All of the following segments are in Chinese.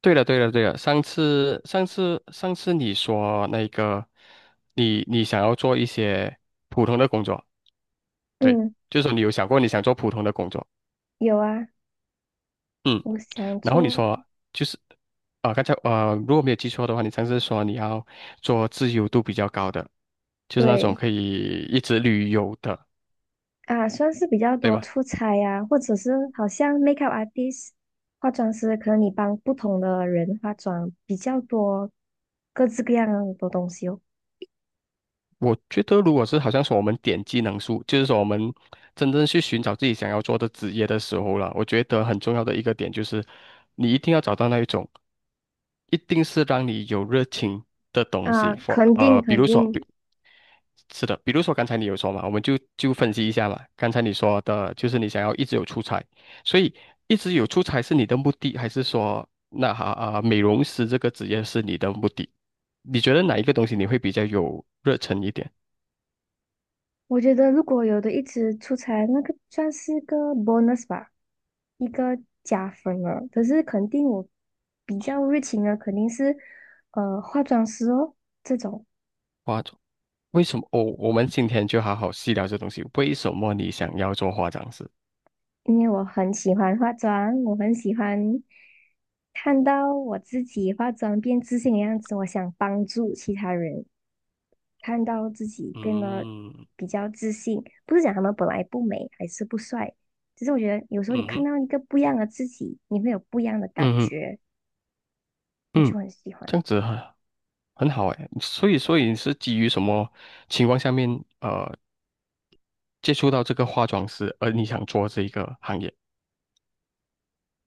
对了，对了，对了，上次你说那个，你想要做一些普通的工作。对，嗯，就是说你有想过你想做普通的工作。有啊，嗯，我想然后你做，说就是刚才如果没有记错的话，你上次说你要做自由度比较高的，就是那种对可以一直旅游的，啊，算是比较对多吗？出差呀、或者是好像 makeup artist 化妆师，可能你帮不同的人化妆比较多，各式各样的东西哦。我觉得，如果是好像说我们点技能树，就是说我们真正去寻找自己想要做的职业的时候了，我觉得很重要的一个点就是，你一定要找到那一种，一定是让你有热情的东啊，西。肯定比肯如说，定，是的，比如说刚才你有说嘛，我们就分析一下嘛。刚才你说的就是你想要一直有出差，所以一直有出差是你的目的，还是说那哈啊、美容师这个职业是你的目的？你觉得哪一个东西你会比较有热忱一点？我觉得如果有的一直出差，那个算是个 bonus 吧，一个加分了。可是肯定我比较热情的肯定是化妆师哦这种。化妆，为什么？哦，我们今天就好好细聊这东西。为什么你想要做化妆师？因为我很喜欢化妆，我很喜欢看到我自己化妆变自信的样子，我想帮助其他人看到自己变得嗯比较自信。不是讲他们本来不美还是不帅，只是我觉得有时候你嗯看哼，到一个不一样的自己，你会有不一样的感嗯嗯觉，我嗯，就很喜这欢。样子很好哎。所以，所以你是基于什么情况下面呃接触到这个化妆师，而你想做这一个行业？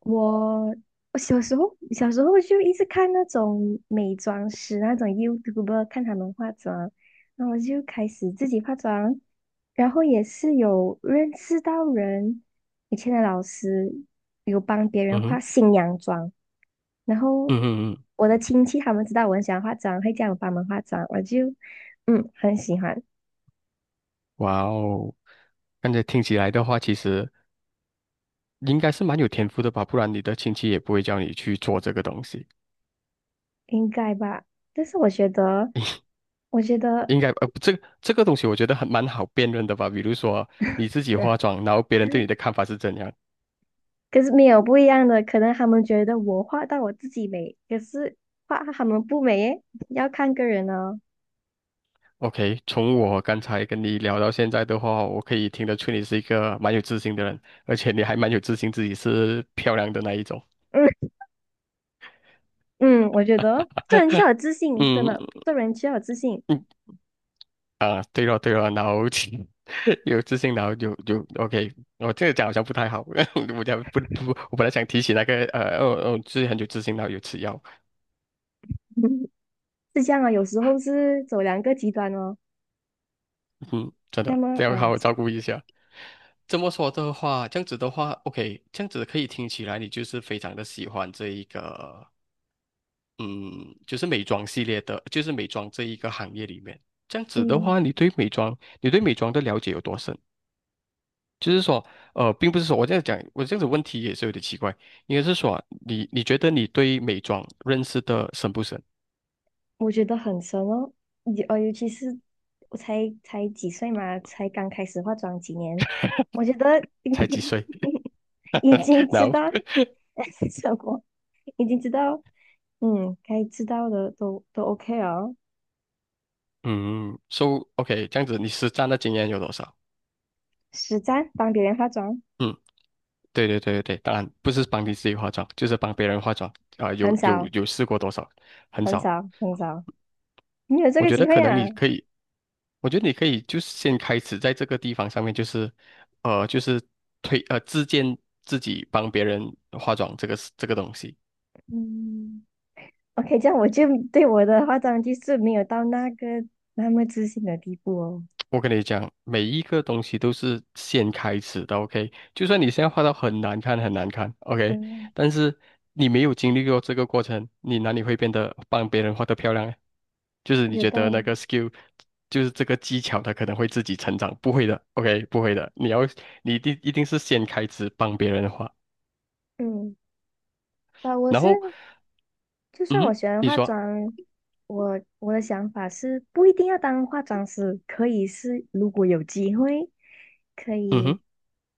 我我小时候就一直看那种美妆师那种 YouTuber 看他们化妆，然后我就开始自己化妆，然后也是有认识到人，以前的老师有帮别人嗯化哼，新娘妆，然后嗯哼嗯，我的亲戚他们知道我很喜欢化妆，会叫我帮忙化妆，我就嗯很喜欢，哇哦！刚才听起来的话，其实应该是蛮有天赋的吧，不然你的亲戚也不会叫你去做这个东西。应该吧，但是我觉得我觉得。这个东西我觉得蛮好辨认的吧。比如说你自己化妆，然后别人对你的 看法是怎样。可是没有不一样的，可能他们觉得我画到我自己美，可是画他们不美耶，要看个人哦。OK，从我刚才跟你聊到现在的话，我可以听得出你是一个蛮有自信的人，而且你还蛮有自信自己是漂亮的那一种。嗯嗯，我觉得做人就是要 有自信，真嗯的，做人需要有自信，啊，对了对了，然后 有自信，然后有 OK，我这个讲好像不太好，我讲不，我本来想提起哦哦，自己很有自信，然后有吃药。是这样啊。有时候是走两个极端哦，嗯，真那的，么这要好啊，好照顾一下。这么说的话，这样子的话，OK，这样子可以听起来你就是非常的喜欢这一个，嗯，就是美妆系列的，就是美妆这一个行业里面。这样子的嗯，话，你对美妆，你对美妆的了解有多深？就是说，呃，并不是说我这样讲，我这样子问题也是有点奇怪，应该是说你觉得你对美妆认识的深不深？我觉得很深哦，尤其是我才几岁嘛，才刚开始化妆几年，我觉得 才几岁？已经 知然后，道 什么，已经知道，嗯，该知道的都 OK 哦。嗯，so OK，这样子你实战的经验有多少？实战帮别人化妆，嗯，对对对对对，当然不是帮你自己化妆，就是帮别人化妆有很有少，有试过多少？很很少。少，很少，你有这我个觉得机可会能啊。你可以，我觉得你可以就是先开始在这个地方上面，就是呃，就是自荐自己帮别人化妆这个东西。嗯，OK，这样我就对我的化妆技术没有到那个那么自信的地步哦。我跟你讲，每一个东西都是先开始的，OK？就算你现在画到很难看、很难看，OK？嗯，但是你没有经历过这个过程，你哪里会变得帮别人画得漂亮呢？就是你有觉道得那个 理。skill，就是这个技巧，它可能会自己成长，不会的，OK？不会的，你一定一定是先开始帮别人画，嗯，啊，我然是后就嗯算我哼，学完你化说妆，我的想法是不一定要当化妆师，可以是如果有机会，可嗯哼以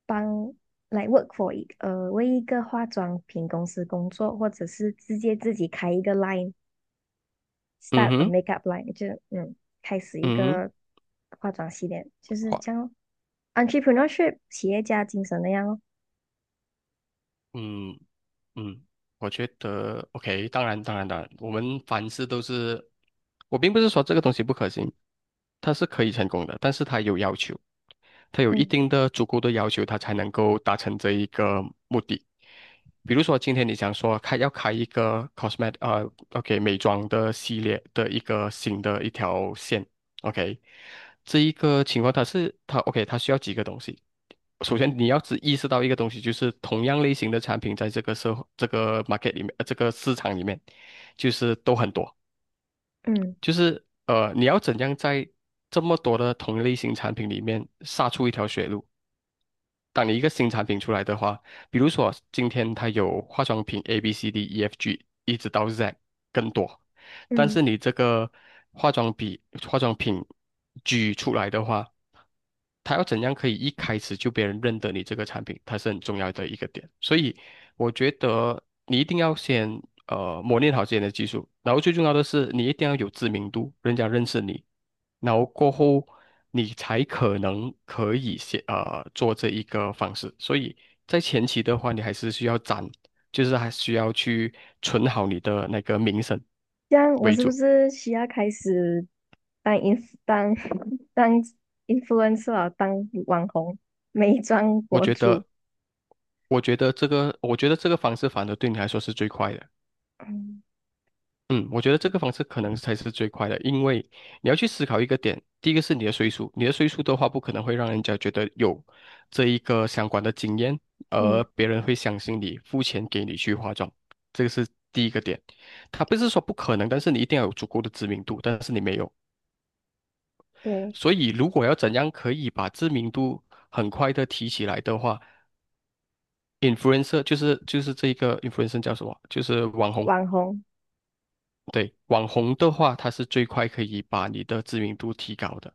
帮来 work for 为一个化妆品公司工作，或者是直接自己开一个 line，start 嗯 a 哼 makeup line，就嗯开始一嗯哼个化妆系列，就是这样画咯，entrepreneurship 企业家精神那样哦，嗯嗯。我觉得 OK，当然，当然，当然，我们凡事都是我并不是说这个东西不可行，它是可以成功的，但是它有要求，它有一嗯定的足够的要求，它才能够达成这一个目的。比如说，今天你想说要开一个 OK 美妆的系列的一个新的一条线，OK，这一个情况它 OK 它需要几个东西。首先，你要只意识到一个东西，就是同样类型的产品在这个社会、这个 market 里面、这个市场里面，就是都很多。嗯你要怎样在这么多的同类型产品里面杀出一条血路？当你一个新产品出来的话，比如说今天它有化妆品 A、B、C、D、E、F、G，一直到 Z 更多，但嗯。是你这个化妆品化妆品 G 出来的话，他要怎样可以一开始就别人认得你这个产品，它是很重要的一个点。所以我觉得你一定要先磨练好自己的技术，然后最重要的是你一定要有知名度，人家认识你，然后过后你才可能可以做这一个方式。所以在前期的话，你还是需要攒，就是还需要去存好你的那个名声这样我为是不主。是需要开始当 i n 当 当 influencer 啊当网红、美妆我博觉主？得，我觉得这个，我觉得这个方式反而对你来说是最快的。嗯嗯，我觉得这个方式可能才是最快的，因为你要去思考一个点，第一个是你的岁数，你的岁数的话，不可能会让人家觉得有这一个相关的经验，而嗯，别人会相信你，付钱给你去化妆，这个是第一个点。他不是说不可能，但是你一定要有足够的知名度，但是你没有，对，所以如果要怎样可以把知名度很快的提起来的话，influencer 就是这一个 influencer 叫什么？就是网红。网红，对，网红的话，它是最快可以把你的知名度提高的。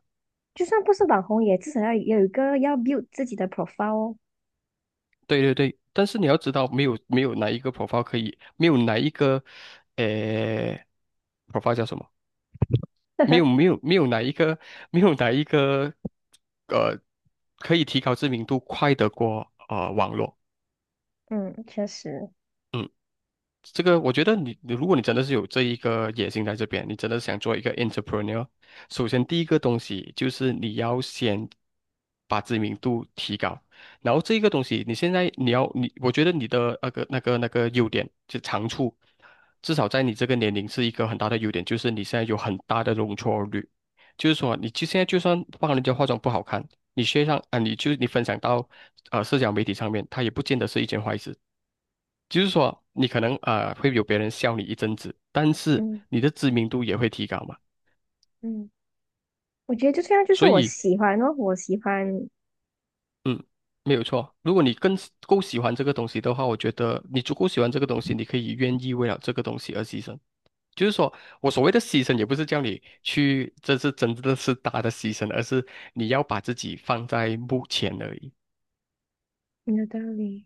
就算不是网红，也至少要有一个要 build 自己的 profile 哦。对对对，但是你要知道，没有哪一个 profile 可以，没有哪一个，呃，profile 叫什么？没有没 有没有哪一个没有哪一个，呃，可以提高知名度快得过网络。嗯，确实，这个我觉得你，你如果你真的是有这一个野心在这边，你真的想做一个 entrepreneur，首先第一个东西就是你要先把知名度提高，然后这一个东西你现在你，我觉得你的那个优点就长处，至少在你这个年龄是一个很大的优点，就是你现在有很大的容错率，就是说现在就算帮人家化妆不好看，你学上啊，你就你分享到社交媒体上面，它也不见得是一件坏事。就是说，你可能会有别人笑你一阵子，但是嗯你的知名度也会提高嘛。嗯，我觉得就这样，就是所我以，喜欢哦，我喜欢，嗯，没有错。如果你够喜欢这个东西的话，我觉得你足够喜欢这个东西，你可以愿意为了这个东西而牺牲。就是说我所谓的牺牲，也不是叫你去，这是真的是大的牺牲，而是你要把自己放在目前而已。有道理，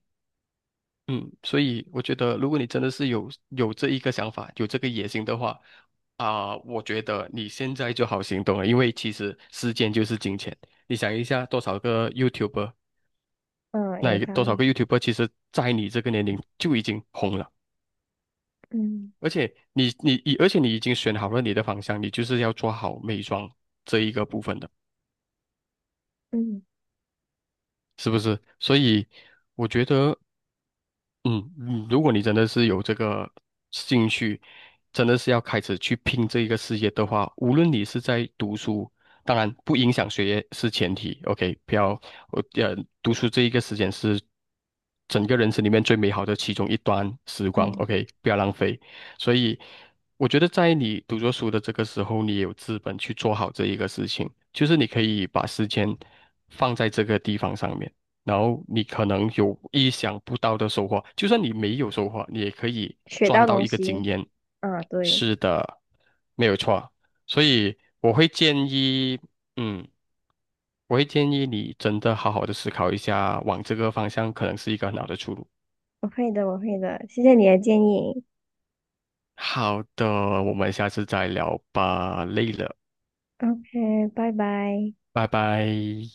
嗯，所以我觉得，如果你真的是有这一个想法，有这个野心的话，我觉得你现在就好行动了，因为其实时间就是金钱。你想一下，多少个 YouTuber，嗯，那有一个道多少个 理，YouTuber，其实在你这个年龄就已经红了，嗯而且你，而且你已经选好了你的方向，你就是要做好美妆这一个部分的，嗯是不是？所以我觉得。嗯嗯，如果你真的是有这个兴趣，真的是要开始去拼这一个事业的话，无论你是在读书，当然不影响学业是前提，OK，不要我呃，读书这一个时间是整个人生里面最美好的其中一段时光嗯，，OK，不要浪费。所以我觉得在你读着书的这个时候，你也有资本去做好这一个事情，就是你可以把时间放在这个地方上面。然后你可能有意想不到的收获，就算你没有收获，你也可以学赚到到东一个经西，验。啊，对，是的，没有错。所以我会建议，嗯，我会建议你真的好好的思考一下，往这个方向可能是一个很好的出路。我会的，我会的，谢谢你的建议。好的，我们下次再聊吧，累了，OK，拜拜。拜拜。